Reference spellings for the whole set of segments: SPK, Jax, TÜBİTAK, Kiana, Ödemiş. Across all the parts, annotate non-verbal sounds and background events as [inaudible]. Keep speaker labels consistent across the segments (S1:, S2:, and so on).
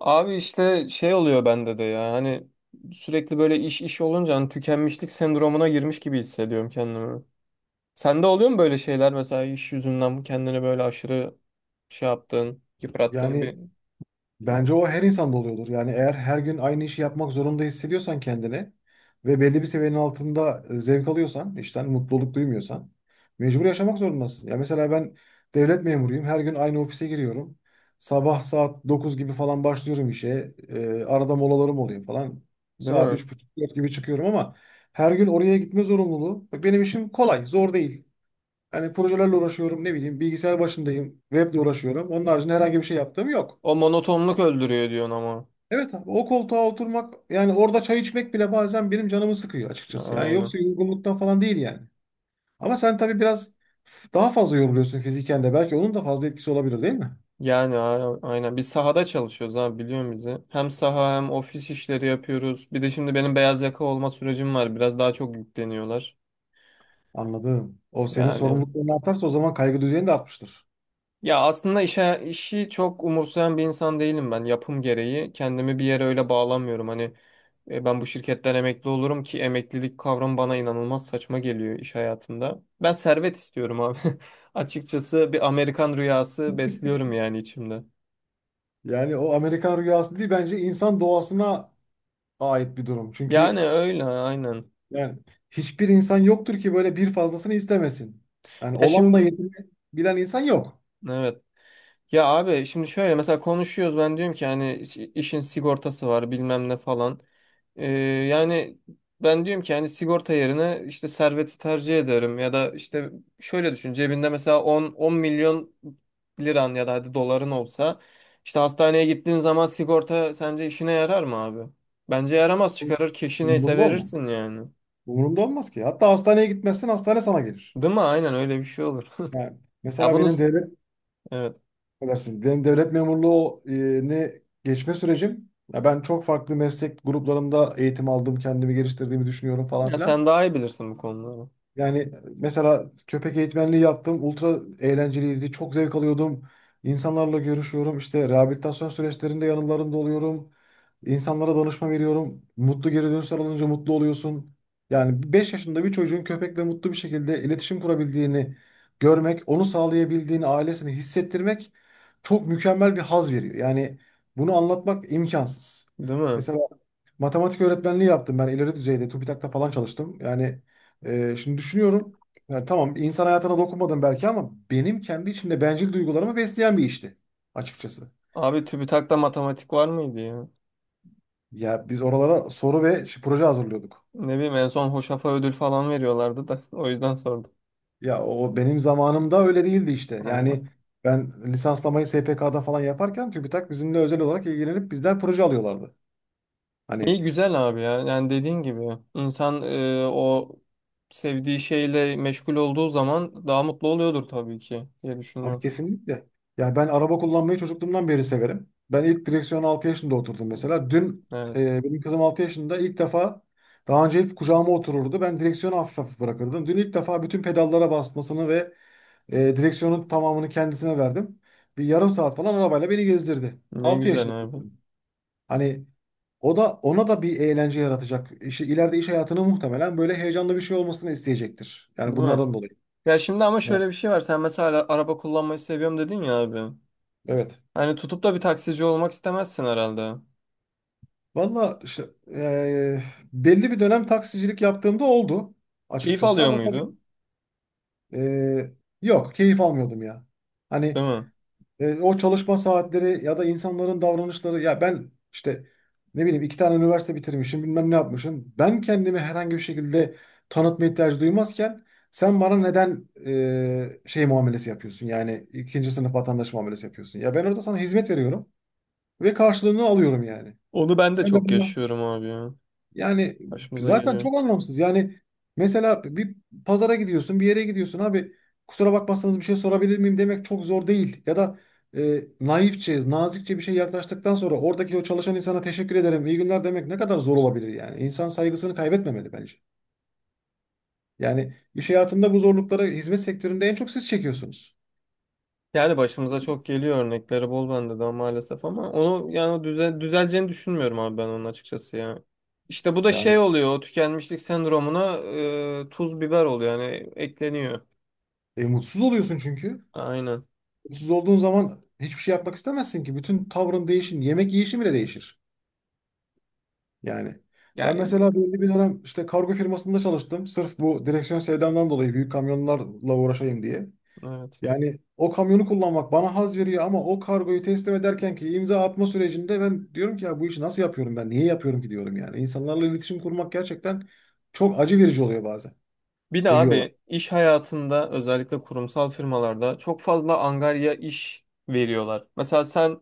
S1: Abi işte şey oluyor bende de ya hani sürekli böyle iş olunca hani tükenmişlik sendromuna girmiş gibi hissediyorum kendimi. Sende oluyor mu böyle şeyler mesela iş yüzünden kendini böyle aşırı şey yaptığın, yıprattığın
S2: Yani
S1: bir...
S2: bence o her insanda oluyordur. Yani eğer her gün aynı işi yapmak zorunda hissediyorsan kendini ve belli bir seviyenin altında zevk alıyorsan, işten mutluluk duymuyorsan mecbur yaşamak zorundasın. Ya mesela ben devlet memuruyum. Her gün aynı ofise giriyorum. Sabah saat 9 gibi falan başlıyorum işe. Arada molalarım oluyor falan.
S1: Değil
S2: Saat
S1: mi?
S2: üç buçuk dört gibi çıkıyorum ama her gün oraya gitme zorunluluğu. Bak benim işim kolay, zor değil. Hani projelerle uğraşıyorum, ne bileyim bilgisayar başındayım, weble uğraşıyorum. Onun haricinde herhangi bir şey yaptığım yok.
S1: O monotonluk öldürüyor diyorsun ama.
S2: Evet abi, o koltuğa oturmak yani orada çay içmek bile bazen benim canımı sıkıyor açıkçası. Yani
S1: Aynen.
S2: yoksa yorgunluktan falan değil yani. Ama sen tabii biraz daha fazla yoruluyorsun fiziken de. Belki onun da fazla etkisi olabilir, değil mi?
S1: Yani aynen biz sahada çalışıyoruz abi, biliyorum bizi. Hem saha hem ofis işleri yapıyoruz. Bir de şimdi benim beyaz yaka olma sürecim var. Biraz daha çok yükleniyorlar.
S2: Anladım. O senin
S1: Yani
S2: sorumlulukların artarsa o zaman kaygı düzeyin de artmıştır.
S1: ya aslında işi çok umursayan bir insan değilim ben, yapım gereği. Kendimi bir yere öyle bağlamıyorum. Hani ben bu şirketten emekli olurum ki, emeklilik kavramı bana inanılmaz saçma geliyor iş hayatında. Ben servet istiyorum abi. [laughs] Açıkçası bir Amerikan rüyası besliyorum yani içimde.
S2: Yani o Amerikan rüyası değil, bence insan doğasına ait bir durum.
S1: Yani
S2: Çünkü
S1: öyle aynen.
S2: yani hiçbir insan yoktur ki böyle bir fazlasını istemesin. Yani
S1: Ya
S2: olanla
S1: şimdi
S2: yetinebilen insan yok.
S1: evet. Ya abi şimdi şöyle mesela konuşuyoruz, ben diyorum ki hani işin sigortası var bilmem ne falan. Ee, yani ben diyorum ki hani sigorta yerine işte serveti tercih ederim, ya da işte şöyle düşün, cebinde mesela 10 milyon liran ya da hadi doların olsa, işte hastaneye gittiğin zaman sigorta sence işine yarar mı abi? Bence yaramaz, çıkarır keşi neyse
S2: Bunda mı?
S1: verirsin yani.
S2: Umurumda olmaz ki. Hatta hastaneye gitmezsen hastane sana gelir.
S1: Değil mi? Aynen, öyle bir şey olur.
S2: Yani
S1: Ya
S2: mesela
S1: bunu
S2: benim devlet
S1: evet.
S2: edersin. Benim devlet memurluğu geçme sürecim. Ya ben çok farklı meslek gruplarında eğitim aldım, kendimi geliştirdiğimi düşünüyorum falan
S1: Ya
S2: filan.
S1: sen daha iyi bilirsin bu konuları.
S2: Yani mesela köpek eğitmenliği yaptım. Ultra eğlenceliydi. Çok zevk alıyordum. İnsanlarla görüşüyorum. İşte rehabilitasyon süreçlerinde yanlarında oluyorum. İnsanlara danışma veriyorum. Mutlu geri dönüşler alınca mutlu oluyorsun. Yani 5 yaşında bir çocuğun köpekle mutlu bir şekilde iletişim kurabildiğini görmek, onu sağlayabildiğini, ailesini hissettirmek çok mükemmel bir haz veriyor. Yani bunu anlatmak imkansız.
S1: Değil mi?
S2: Mesela matematik öğretmenliği yaptım, ben ileri düzeyde TÜBİTAK'ta falan çalıştım. Yani şimdi düşünüyorum. Yani tamam, insan hayatına dokunmadım belki ama benim kendi içimde bencil duygularımı besleyen bir işti açıkçası.
S1: Abi TÜBİTAK'ta matematik var mıydı ya?
S2: Ya biz oralara soru ve proje hazırlıyorduk.
S1: Ne bileyim, en son Hoşaf'a ödül falan veriyorlardı da [laughs] o yüzden sordum.
S2: Ya o benim zamanımda öyle değildi işte.
S1: Ha.
S2: Yani ben lisanslamayı SPK'da falan yaparken TÜBİTAK bizimle özel olarak ilgilenip bizden proje alıyorlardı. Hani.
S1: İyi güzel abi ya. Yani dediğin gibi insan o sevdiği şeyle meşgul olduğu zaman daha mutlu oluyordur tabii ki diye
S2: Abi
S1: düşünüyorum.
S2: kesinlikle. Ya ben araba kullanmayı çocukluğumdan beri severim. Ben ilk direksiyona 6 yaşında oturdum mesela. Dün
S1: Evet.
S2: benim kızım 6 yaşında ilk defa, daha önce hep kucağıma otururdu. Ben direksiyonu hafif hafif bırakırdım. Dün ilk defa bütün pedallara basmasını ve direksiyonun tamamını kendisine verdim. Bir yarım saat falan arabayla beni gezdirdi.
S1: Ne
S2: 6
S1: güzel
S2: yaşında bir
S1: abi.
S2: kızım. Hani o da, ona da bir eğlence yaratacak. İşte ileride iş hayatını muhtemelen böyle heyecanlı bir şey olmasını isteyecektir. Yani
S1: Değil mi?
S2: bunlardan dolayı.
S1: Ya şimdi ama
S2: Evet.
S1: şöyle bir şey var. Sen mesela araba kullanmayı seviyorum dedin ya abi.
S2: Evet.
S1: Hani tutup da bir taksici olmak istemezsin herhalde.
S2: Valla işte belli bir dönem taksicilik yaptığımda oldu
S1: Keyif
S2: açıkçası
S1: alıyor
S2: ama tabii
S1: muydu?
S2: eee, yok, keyif almıyordum ya. Hani
S1: Değil mi?
S2: o çalışma saatleri ya da insanların davranışları, ya ben işte ne bileyim, iki tane üniversite bitirmişim, bilmem ne yapmışım. Ben kendimi herhangi bir şekilde tanıtma ihtiyacı duymazken sen bana neden şey muamelesi yapıyorsun, yani ikinci sınıf vatandaş muamelesi yapıyorsun. Ya ben orada sana hizmet veriyorum ve karşılığını alıyorum yani.
S1: Onu ben de
S2: Sen de
S1: çok
S2: bana
S1: yaşıyorum abi ya.
S2: yani
S1: Başımıza
S2: zaten
S1: geliyor.
S2: çok anlamsız. Yani mesela bir pazara gidiyorsun, bir yere gidiyorsun abi. Kusura bakmazsanız bir şey sorabilir miyim demek çok zor değil. Ya da naifçe, nazikçe bir şey yaklaştıktan sonra oradaki o çalışan insana teşekkür ederim, iyi günler demek ne kadar zor olabilir yani. İnsan saygısını kaybetmemeli bence. Yani iş hayatında bu zorlukları hizmet sektöründe en çok siz çekiyorsunuz.
S1: Yani başımıza çok geliyor, örnekleri bol bende de maalesef, ama onu yani düzeleceğini düşünmüyorum abi ben onun, açıkçası ya. İşte bu da
S2: Yani
S1: şey oluyor, o tükenmişlik sendromuna tuz biber oluyor, yani ekleniyor.
S2: mutsuz oluyorsun çünkü.
S1: Aynen.
S2: Mutsuz olduğun zaman hiçbir şey yapmak istemezsin ki. Bütün tavrın değişir, yemek yiyişin bile değişir. Yani ben
S1: Yani
S2: mesela belli bir dönem işte kargo firmasında çalıştım. Sırf bu direksiyon sevdamdan dolayı büyük kamyonlarla uğraşayım diye.
S1: evet.
S2: Yani o kamyonu kullanmak bana haz veriyor ama o kargoyu teslim ederken ki imza atma sürecinde ben diyorum ki ya bu işi nasıl yapıyorum ben? Niye yapıyorum ki diyorum yani. İnsanlarla iletişim kurmak gerçekten çok acı verici oluyor bazen.
S1: Bir de
S2: Seviyorlar.
S1: abi iş hayatında özellikle kurumsal firmalarda çok fazla angarya iş veriyorlar. Mesela sen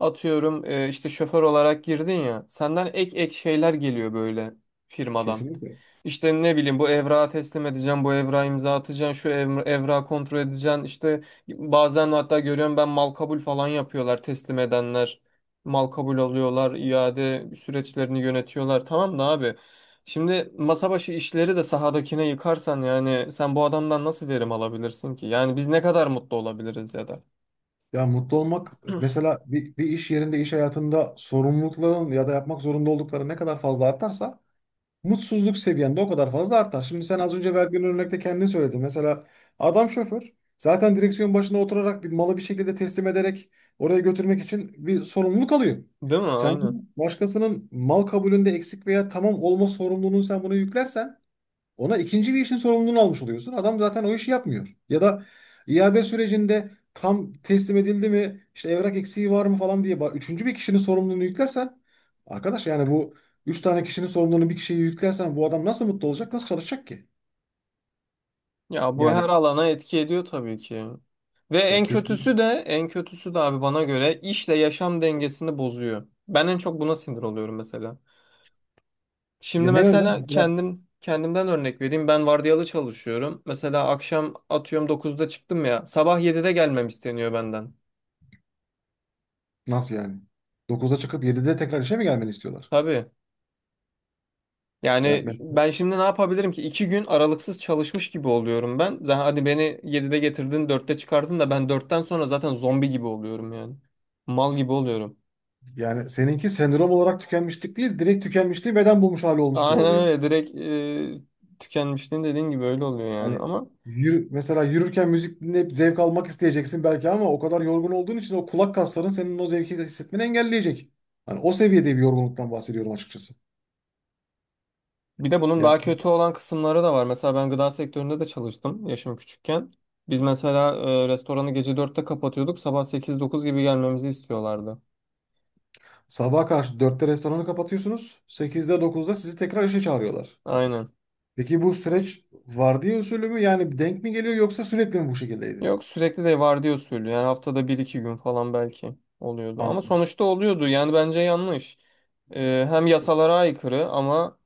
S1: atıyorum işte şoför olarak girdin ya. Senden ek ek şeyler geliyor böyle firmadan.
S2: Kesinlikle.
S1: İşte ne bileyim, bu evrağı teslim edeceğim, bu evrağı imza atacaksın, şu evrağı kontrol edeceksin. İşte bazen hatta görüyorum, ben mal kabul falan yapıyorlar teslim edenler. Mal kabul alıyorlar, iade süreçlerini yönetiyorlar. Tamam da abi. Şimdi masa başı işleri de sahadakine yıkarsan, yani sen bu adamdan nasıl verim alabilirsin ki? Yani biz ne kadar mutlu olabiliriz ya da.
S2: Ya mutlu olmak, mesela bir iş yerinde, iş hayatında sorumlulukların ya da yapmak zorunda oldukları ne kadar fazla artarsa mutsuzluk seviyende o kadar fazla artar. Şimdi sen az önce verdiğin örnekte kendin söyledin. Mesela adam şoför, zaten direksiyon başına oturarak bir malı bir şekilde teslim ederek oraya götürmek için bir sorumluluk alıyor.
S1: Değil mi?
S2: Sen
S1: Aynen.
S2: bunu başkasının mal kabulünde eksik veya tamam olma sorumluluğunu sen buna yüklersen ona ikinci bir işin sorumluluğunu almış oluyorsun. Adam zaten o işi yapmıyor. Ya da iade sürecinde tam teslim edildi mi, işte evrak eksiği var mı falan diye üçüncü bir kişinin sorumluluğunu yüklersen, arkadaş yani bu üç tane kişinin sorumluluğunu bir kişiye yüklersen bu adam nasıl mutlu olacak, nasıl çalışacak ki?
S1: Ya bu
S2: Yani
S1: her alana etki ediyor tabii ki. Ve
S2: ya
S1: en kötüsü
S2: kesin,
S1: de, en kötüsü de abi bana göre işle yaşam dengesini bozuyor. Ben en çok buna sinir oluyorum mesela. Şimdi
S2: ya ne yönden,
S1: mesela
S2: mesela
S1: kendimden örnek vereyim. Ben vardiyalı çalışıyorum. Mesela akşam atıyorum 9'da çıktım ya. Sabah 7'de gelmem isteniyor benden.
S2: nasıl yani? Dokuzda çıkıp yedide tekrar işe mi gelmeni istiyorlar?
S1: Tabii.
S2: Ya
S1: Yani
S2: ben-
S1: ben şimdi ne yapabilirim ki? İki gün aralıksız çalışmış gibi oluyorum ben. Zaten hadi beni 7'de getirdin, 4'te çıkardın da, ben 4'ten sonra zaten zombi gibi oluyorum yani. Mal gibi oluyorum.
S2: Yani seninki sendrom olarak tükenmişlik değil, direkt tükenmişliği beden bulmuş hali olmuş gibi
S1: Aynen
S2: oluyor.
S1: öyle direkt tükenmişliğin dediğin gibi öyle oluyor yani,
S2: Yani
S1: ama
S2: yürü, mesela yürürken müzik dinleyip zevk almak isteyeceksin belki ama o kadar yorgun olduğun için o kulak kasların senin o zevki hissetmeni engelleyecek. Hani o seviyede bir yorgunluktan bahsediyorum açıkçası.
S1: bir de bunun
S2: Ya
S1: daha kötü olan kısımları da var. Mesela ben gıda sektöründe de çalıştım, yaşım küçükken. Biz mesela restoranı gece 4'te kapatıyorduk, sabah 8-9 gibi gelmemizi istiyorlardı.
S2: sabaha karşı dörtte restoranı kapatıyorsunuz. Sekizde dokuzda sizi tekrar işe çağırıyorlar.
S1: Aynen.
S2: Peki bu süreç vardiya usulü mü, yani denk mi geliyor, yoksa sürekli mi bu şekildeydi?
S1: Yok, sürekli de vardiya usulü yani, haftada bir iki gün falan belki oluyordu. Ama sonuçta oluyordu, yani bence yanlış. E, hem yasalara aykırı ama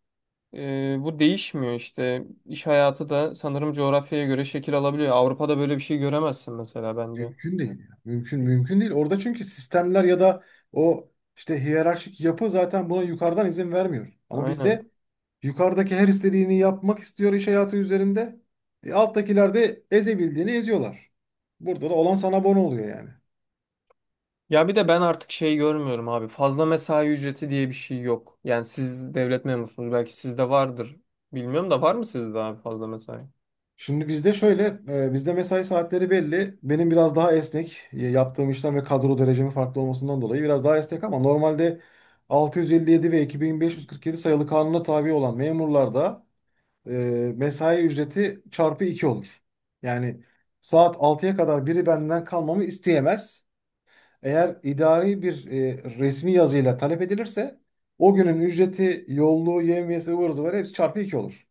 S1: Bu değişmiyor işte. İş hayatı da sanırım coğrafyaya göre şekil alabiliyor. Avrupa'da böyle bir şey göremezsin mesela, bence.
S2: Mümkün değil ya. Mümkün değil. Orada çünkü sistemler ya da o işte hiyerarşik yapı zaten buna yukarıdan izin vermiyor. Ama
S1: Aynen.
S2: bizde yukarıdaki her istediğini yapmak istiyor iş hayatı üzerinde. E, alttakiler de ezebildiğini eziyorlar. Burada da olan sana bono oluyor yani.
S1: Ya bir de ben artık şey görmüyorum abi. Fazla mesai ücreti diye bir şey yok. Yani siz devlet memurusunuz, belki sizde vardır. Bilmiyorum, da var mı sizde abi fazla mesai?
S2: Şimdi bizde şöyle, bizde mesai saatleri belli. Benim biraz daha esnek, yaptığım işlem ve kadro derecemin farklı olmasından dolayı biraz daha esnek ama normalde 657 ve 2547 sayılı kanuna tabi olan memurlarda mesai ücreti çarpı 2 olur. Yani saat 6'ya kadar biri benden kalmamı isteyemez. Eğer idari bir resmi yazıyla talep edilirse o günün ücreti, yolluğu, yevmiyesi, ıvır zıvırı hepsi çarpı 2 olur.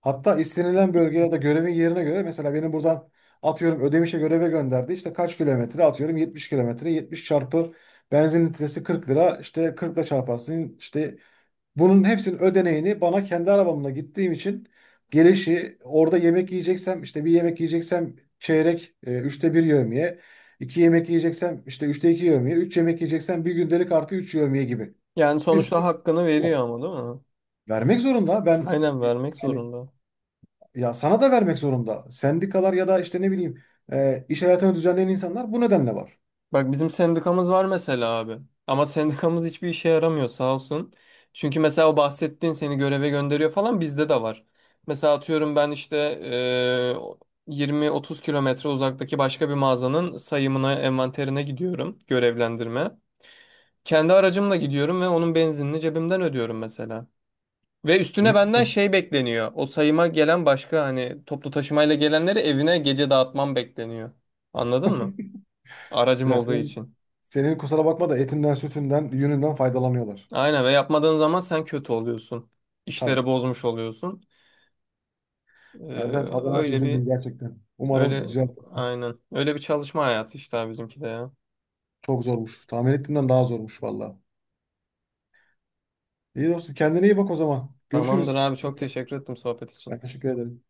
S2: Hatta istenilen bölgeye ya da görevin yerine göre, mesela beni buradan atıyorum Ödemiş'e göreve gönderdi. İşte kaç kilometre, atıyorum 70 kilometre, 70 çarpı benzin litresi 40 lira, işte 40 ile çarparsın işte bunun hepsinin ödeneğini bana kendi arabamla gittiğim için gelişi, orada yemek yiyeceksem, işte bir yemek yiyeceksem çeyrek, üçte bir yevmiye. İki yemek yiyeceksem işte üçte iki yevmiye. Üç yemek yiyeceksem bir gündelik artı üç yevmiye gibi.
S1: Yani
S2: Bir sürü
S1: sonuçta hakkını
S2: şey var.
S1: veriyor ama, değil mi?
S2: Vermek zorunda. Ben
S1: Aynen, vermek
S2: yani
S1: zorunda.
S2: ya, sana da vermek zorunda. Sendikalar ya da işte ne bileyim iş hayatını düzenleyen insanlar bu nedenle var.
S1: Bak bizim sendikamız var mesela abi. Ama sendikamız hiçbir işe yaramıyor sağ olsun. Çünkü mesela o bahsettiğin, seni göreve gönderiyor falan, bizde de var. Mesela atıyorum ben işte eee, 20-30 kilometre uzaktaki başka bir mağazanın sayımına, envanterine gidiyorum görevlendirme. Kendi aracımla gidiyorum ve onun benzinini cebimden ödüyorum mesela. Ve üstüne
S2: Büyük
S1: benden
S2: bir-
S1: şey bekleniyor. O sayıma gelen başka, hani toplu taşımayla gelenleri evine gece dağıtmam bekleniyor. Anladın mı? Aracım
S2: Ya
S1: olduğu
S2: sen,
S1: için.
S2: senin kusura bakma da etinden, sütünden, yününden faydalanıyorlar.
S1: Aynen, ve yapmadığın zaman sen kötü oluyorsun. İşleri
S2: Tabii.
S1: bozmuş oluyorsun. Ee,
S2: Erdem adına
S1: öyle bir
S2: üzüldüm gerçekten. Umarım
S1: Öyle
S2: düzeltirsin.
S1: aynen. Öyle bir çalışma hayatı işte abi, bizimki de ya.
S2: Çok zormuş. Tahmin ettiğimden daha zormuş valla. İyi dostum, kendine iyi bak o zaman.
S1: Tamamdır
S2: Görüşürüz.
S1: abi, çok teşekkür ettim sohbet
S2: Ben
S1: için.
S2: teşekkür ederim.